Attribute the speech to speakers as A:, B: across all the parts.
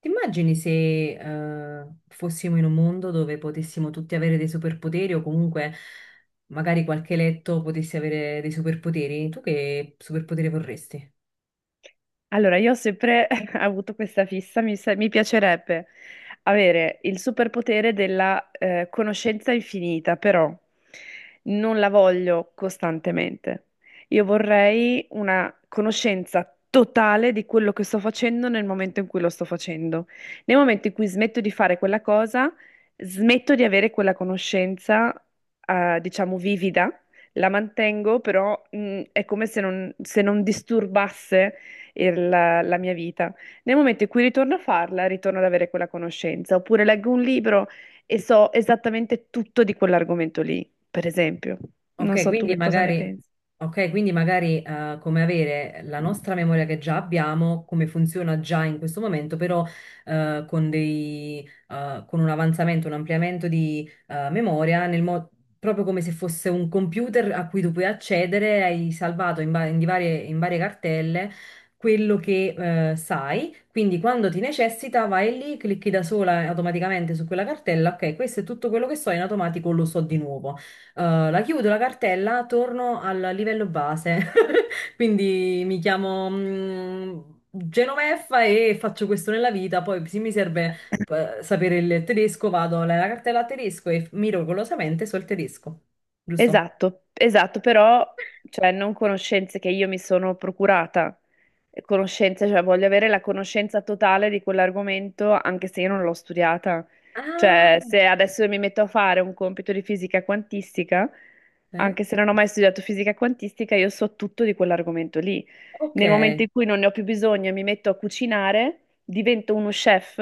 A: Ti immagini se fossimo in un mondo dove potessimo tutti avere dei superpoteri o comunque magari qualche eletto potesse avere dei superpoteri? Tu che superpotere vorresti?
B: Allora, io ho sempre avuto questa fissa, mi piacerebbe avere il superpotere della conoscenza infinita, però non la voglio costantemente. Io vorrei una conoscenza totale di quello che sto facendo nel momento in cui lo sto facendo. Nel momento in cui smetto di fare quella cosa, smetto di avere quella conoscenza, diciamo, vivida, la mantengo, però è come se non disturbasse la mia vita. Nel momento in cui ritorno a farla, ritorno ad avere quella conoscenza. Oppure leggo un libro e so esattamente tutto di quell'argomento lì, per esempio. Non
A: Ok,
B: so tu
A: quindi
B: che cosa ne
A: magari,
B: pensi.
A: ok, quindi magari, come avere la nostra memoria che già abbiamo, come funziona già in questo momento, però eh, con dei, con un avanzamento, un ampliamento di memoria, proprio come se fosse un computer a cui tu puoi accedere, hai salvato in, va- in di varie, in varie cartelle quello che sai, quindi quando ti necessita vai lì, clicchi da sola automaticamente su quella cartella, ok, questo è tutto quello che so, in automatico lo so di nuovo. La chiudo la cartella, torno al livello base, quindi mi chiamo Genoveffa e faccio questo nella vita. Poi, se mi serve sapere il tedesco, vado alla cartella a tedesco e miracolosamente so il tedesco, giusto?
B: Esatto, esatto, però cioè, non conoscenze che io mi sono procurata, conoscenze, cioè voglio avere la conoscenza totale di quell'argomento anche se io non l'ho studiata.
A: Ah,
B: Cioè, se adesso mi metto a fare un compito di fisica quantistica,
A: ok.
B: anche se non ho mai studiato fisica quantistica, io so tutto di quell'argomento lì.
A: Ok.
B: Nel momento in cui non ne ho più bisogno e mi metto a cucinare, divento uno chef,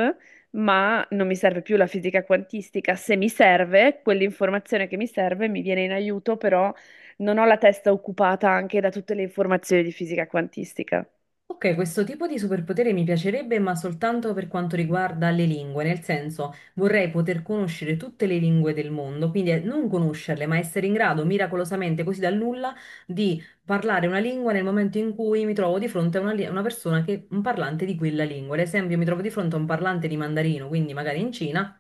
B: ma non mi serve più la fisica quantistica. Se mi serve, quell'informazione che mi serve mi viene in aiuto, però non ho la testa occupata anche da tutte le informazioni di fisica quantistica.
A: Ok, questo tipo di superpotere mi piacerebbe, ma soltanto per quanto riguarda le lingue, nel senso vorrei poter conoscere tutte le lingue del mondo, quindi non conoscerle, ma essere in grado miracolosamente, così dal nulla, di parlare una lingua nel momento in cui mi trovo di fronte a una, a una persona che un parlante di quella lingua. Ad esempio, mi trovo di fronte a un parlante di mandarino, quindi magari in Cina.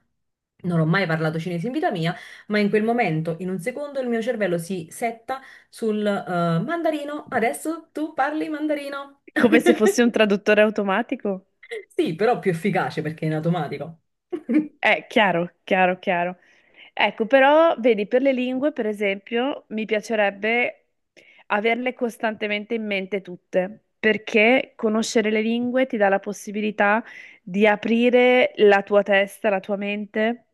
A: Non ho mai parlato cinese in vita mia, ma in quel momento, in un secondo, il mio cervello si setta sul mandarino. Adesso tu parli mandarino.
B: Come se fossi un traduttore automatico?
A: Sì, però più efficace perché è in automatico.
B: Chiaro, chiaro, chiaro. Ecco, però, vedi, per le lingue, per esempio, mi piacerebbe averle costantemente in mente tutte, perché conoscere le lingue ti dà la possibilità di aprire la tua testa, la tua mente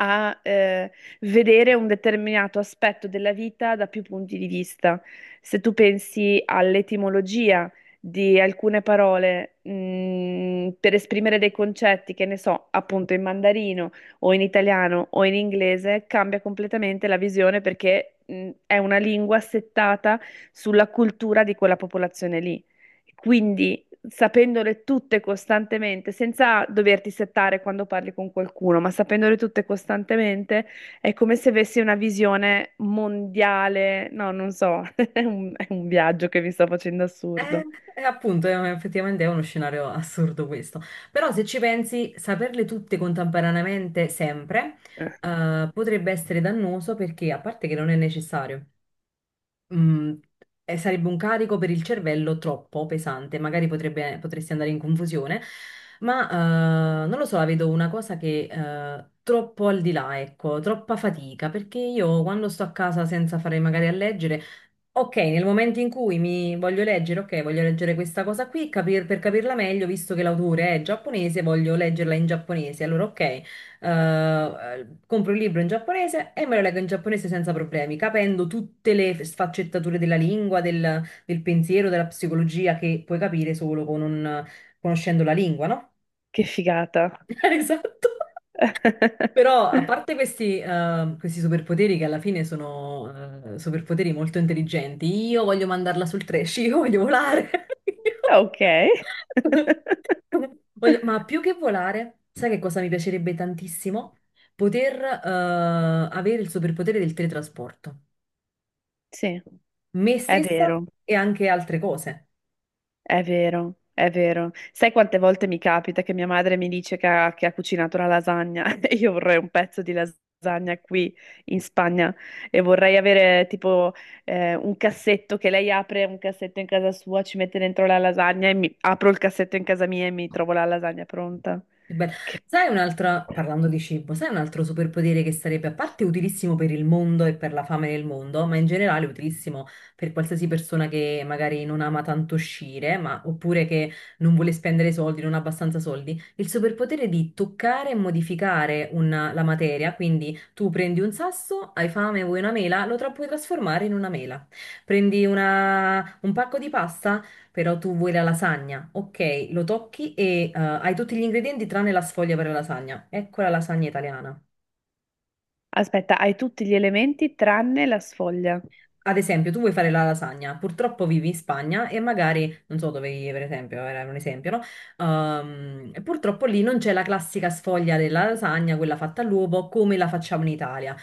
B: a vedere un determinato aspetto della vita da più punti di vista. Se tu pensi all'etimologia di alcune parole, per esprimere dei concetti che ne so, appunto in mandarino o in italiano o in inglese, cambia completamente la visione perché è una lingua settata sulla cultura di quella popolazione lì. Quindi sapendole tutte costantemente, senza doverti settare quando parli con qualcuno, ma sapendole tutte costantemente, è come se avessi una visione mondiale. No, non so, è un viaggio che mi sto facendo
A: Eh,
B: assurdo.
A: appunto, effettivamente è uno scenario assurdo questo. Però se ci pensi, saperle tutte contemporaneamente sempre,
B: Eh,
A: potrebbe essere dannoso perché, a parte che non è necessario, Mm, sarebbe un carico per il cervello troppo pesante, magari potresti andare in confusione, ma non lo so, la vedo una cosa che troppo al di là, ecco, troppa fatica, perché io quando sto a casa senza fare magari a leggere, ok, nel momento in cui mi voglio leggere, ok, voglio leggere questa cosa qui, per capirla meglio, visto che l'autore è giapponese, voglio leggerla in giapponese, allora ok eh, compro il libro in giapponese e me lo leggo in giapponese senza problemi, capendo tutte le sfaccettature della lingua, del pensiero, della psicologia che puoi capire solo con conoscendo la lingua, no?
B: Che figata.
A: Esatto. Però, a parte questi, questi superpoteri che alla fine sono superpoteri molto intelligenti, io voglio mandarla sul trash, io voglio volare. Io
B: Ok.
A: ma più che volare, sai che cosa mi piacerebbe tantissimo? Poter avere il superpotere del teletrasporto.
B: Sì,
A: Me
B: è
A: stessa
B: vero.
A: e anche altre cose.
B: È vero, è vero. Sai quante volte mi capita che mia madre mi dice che ha cucinato la lasagna e io vorrei un pezzo di lasagna qui in Spagna e vorrei avere tipo un cassetto che lei apre un cassetto in casa sua, ci mette dentro la lasagna e mi apro il cassetto in casa mia e mi trovo la lasagna pronta.
A: Che bello.
B: Che...
A: Sai un'altra, parlando di cibo, sai un altro superpotere che sarebbe a parte utilissimo per il mondo e per la fame del mondo, ma in generale utilissimo per qualsiasi persona che magari non ama tanto uscire, ma, oppure che non vuole spendere soldi, non ha abbastanza soldi, il superpotere di toccare e modificare la materia, quindi tu prendi un sasso, hai fame, vuoi una mela, puoi trasformare in una mela. Prendi un pacco di pasta, però tu vuoi la lasagna. Ok, lo tocchi e hai tutti gli ingredienti tranne la sfoglia per la lasagna. Ecco la lasagna italiana.
B: Aspetta, hai tutti gli elementi tranne la sfoglia.
A: Ad esempio, tu vuoi fare la lasagna, purtroppo vivi in Spagna e magari, non so dove vivi per esempio, era un esempio, no? E purtroppo lì non c'è la classica sfoglia della lasagna, quella fatta all'uovo, come la facciamo in Italia.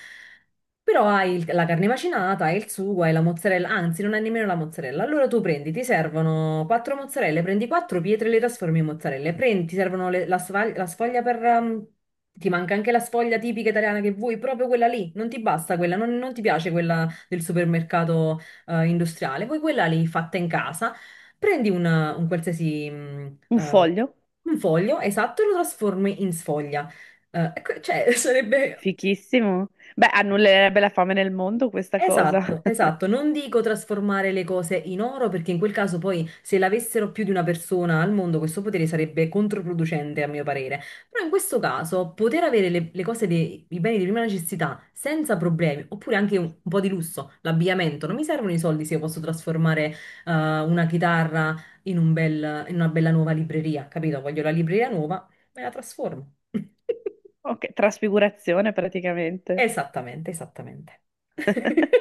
A: Però hai la carne macinata, hai il sugo, hai la mozzarella, anzi non hai nemmeno la mozzarella. Allora tu prendi, ti servono quattro mozzarelle, prendi quattro pietre e le trasformi in mozzarelle, prendi, ti servono la sfoglia per... ti manca anche la sfoglia tipica italiana che vuoi, proprio quella lì, non ti basta quella, non ti piace quella del supermercato industriale, poi quella lì fatta in casa, prendi un qualsiasi
B: Un foglio?
A: un foglio, esatto, e lo trasformi in sfoglia. Ecco, cioè, sarebbe
B: Fichissimo. Beh, annullerebbe la fame nel mondo questa cosa.
A: Esatto, esatto. Non dico trasformare le cose in oro perché in quel caso poi se l'avessero più di una persona al mondo questo potere sarebbe controproducente a mio parere. Però in questo caso poter avere le cose, i beni di prima necessità senza problemi oppure anche un po' di lusso, l'abbigliamento, non mi servono i soldi se io posso trasformare eh, una chitarra in un in una bella nuova libreria, capito? Voglio la libreria nuova, me la trasformo.
B: Ok, trasfigurazione praticamente.
A: Esattamente, esattamente.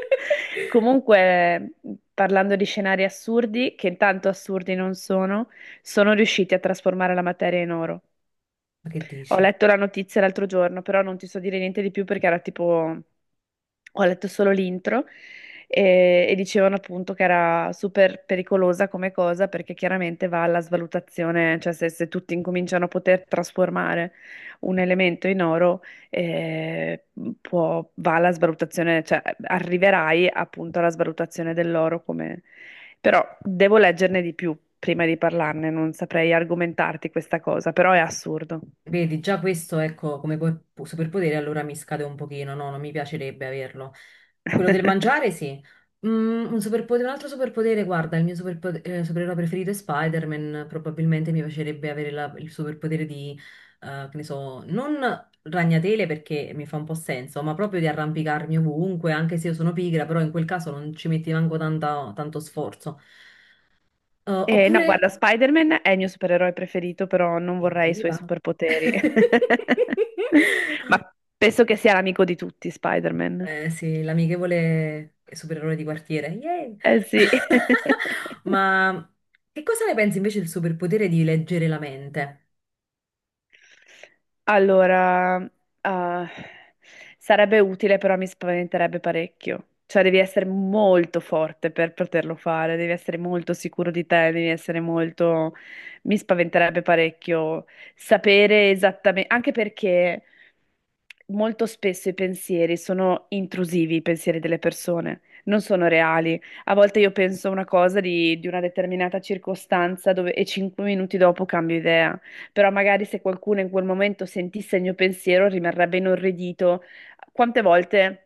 B: Comunque, parlando di scenari assurdi, che intanto assurdi non sono, sono riusciti a trasformare la materia in oro.
A: Ma che
B: Ho
A: dici?
B: letto la notizia l'altro giorno, però non ti so dire niente di più perché era tipo ho letto solo l'intro e dicevano appunto che era super pericolosa come cosa perché chiaramente va alla svalutazione, cioè se tutti incominciano a poter trasformare un elemento in oro, eh, va alla svalutazione, cioè arriverai appunto alla svalutazione dell'oro come... Però devo leggerne di più prima di parlarne, non saprei argomentarti questa cosa, però è assurdo.
A: Vedi, già questo, ecco, come superpotere allora mi scade un pochino, no, non mi piacerebbe averlo. Quello del mangiare, sì. Mm, un superpotere, un altro superpotere, guarda, supereroe preferito è Spider-Man, probabilmente mi piacerebbe avere il superpotere di, che ne so, non ragnatele perché mi fa un po' senso, ma proprio di arrampicarmi ovunque, anche se io sono pigra, però in quel caso non ci metti tanto sforzo.
B: No,
A: Oppure...
B: guarda, Spider-Man è il mio supereroe preferito, però non vorrei i suoi
A: Evviva!
B: superpoteri. Ma penso che sia l'amico di tutti, Spider-Man.
A: Sì, l'amichevole supereroe di quartiere. Yay!
B: Eh sì.
A: Ma che cosa ne pensi invece del superpotere di leggere la mente?
B: Allora, ah, sarebbe utile, però mi spaventerebbe parecchio. Cioè, devi essere molto forte per poterlo fare, devi essere molto sicuro di te, devi essere molto... Mi spaventerebbe parecchio sapere esattamente, anche perché molto spesso i pensieri sono intrusivi, i pensieri delle persone, non sono reali. A volte io penso una cosa di una determinata circostanza e 5 minuti dopo cambio idea però magari se qualcuno in quel momento sentisse il mio pensiero rimarrebbe inorridito. Quante volte?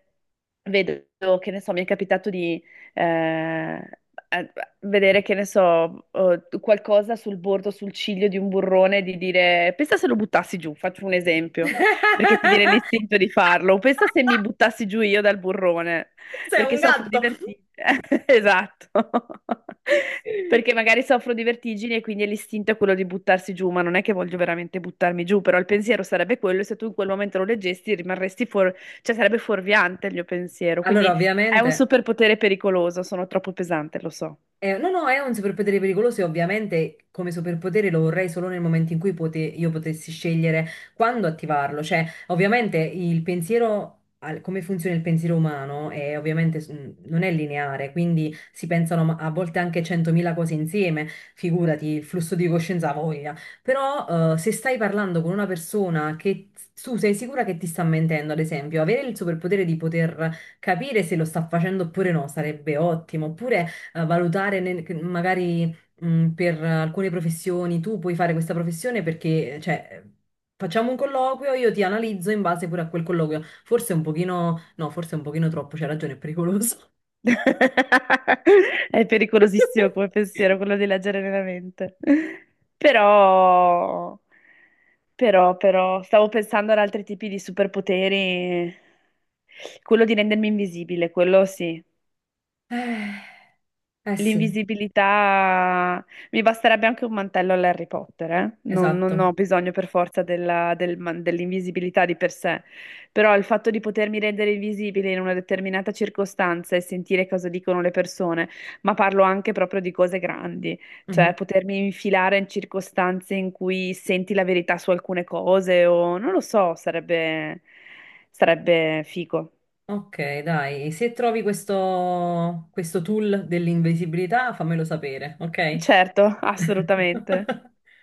B: Vedo, che ne so, mi è capitato di eh, eh, vedere, che ne so, qualcosa sul bordo, sul ciglio di un burrone, di dire, pensa se lo buttassi giù, faccio un esempio, perché ti viene l'istinto di farlo, pensa se mi buttassi giù io dal burrone,
A: Sei
B: perché
A: un
B: soffro di
A: gatto.
B: vertigini. Esatto. Perché magari soffro di vertigini e quindi l'istinto è quello di buttarsi giù, ma non è che voglio veramente buttarmi giù, però il pensiero sarebbe quello e se tu in quel momento lo leggesti rimarresti fuori cioè, sarebbe fuorviante il mio pensiero.
A: Allora,
B: Quindi è un
A: ovviamente.
B: superpotere pericoloso. Sono troppo pesante, lo so.
A: No, no, è un superpotere pericoloso e ovviamente come superpotere lo vorrei solo nel momento in cui io potessi scegliere quando attivarlo. Cioè, ovviamente il pensiero, come funziona il pensiero umano, è ovviamente non è lineare, quindi si pensano a volte anche 100.000 cose insieme, figurati il flusso di coscienza ha voglia. Però se stai parlando con una persona che tu sei sicura che ti sta mentendo, ad esempio, avere il superpotere di poter capire se lo sta facendo oppure no sarebbe ottimo, oppure valutare che magari per alcune professioni tu puoi fare questa professione perché, cioè, facciamo un colloquio, io ti analizzo in base pure a quel colloquio. Forse un pochino, no, forse un pochino troppo, c'è ragione, è pericoloso.
B: È pericolosissimo come pensiero quello di leggere nella mente. Però, però, però, stavo pensando ad altri tipi di superpoteri. Quello di rendermi invisibile, quello sì.
A: Eh, eh sì,
B: L'invisibilità, mi basterebbe anche un mantello all'Harry Potter, eh? Non
A: esatto.
B: ho bisogno per forza dell'invisibilità di per sé, però il fatto di potermi rendere invisibile in una determinata circostanza e sentire cosa dicono le persone, ma parlo anche proprio di cose grandi, cioè
A: Mhm.
B: potermi infilare in circostanze in cui senti la verità su alcune cose o non lo so, sarebbe, sarebbe figo.
A: Ok, dai, se trovi questo tool dell'invisibilità, fammelo sapere, ok?
B: Certo, assolutamente.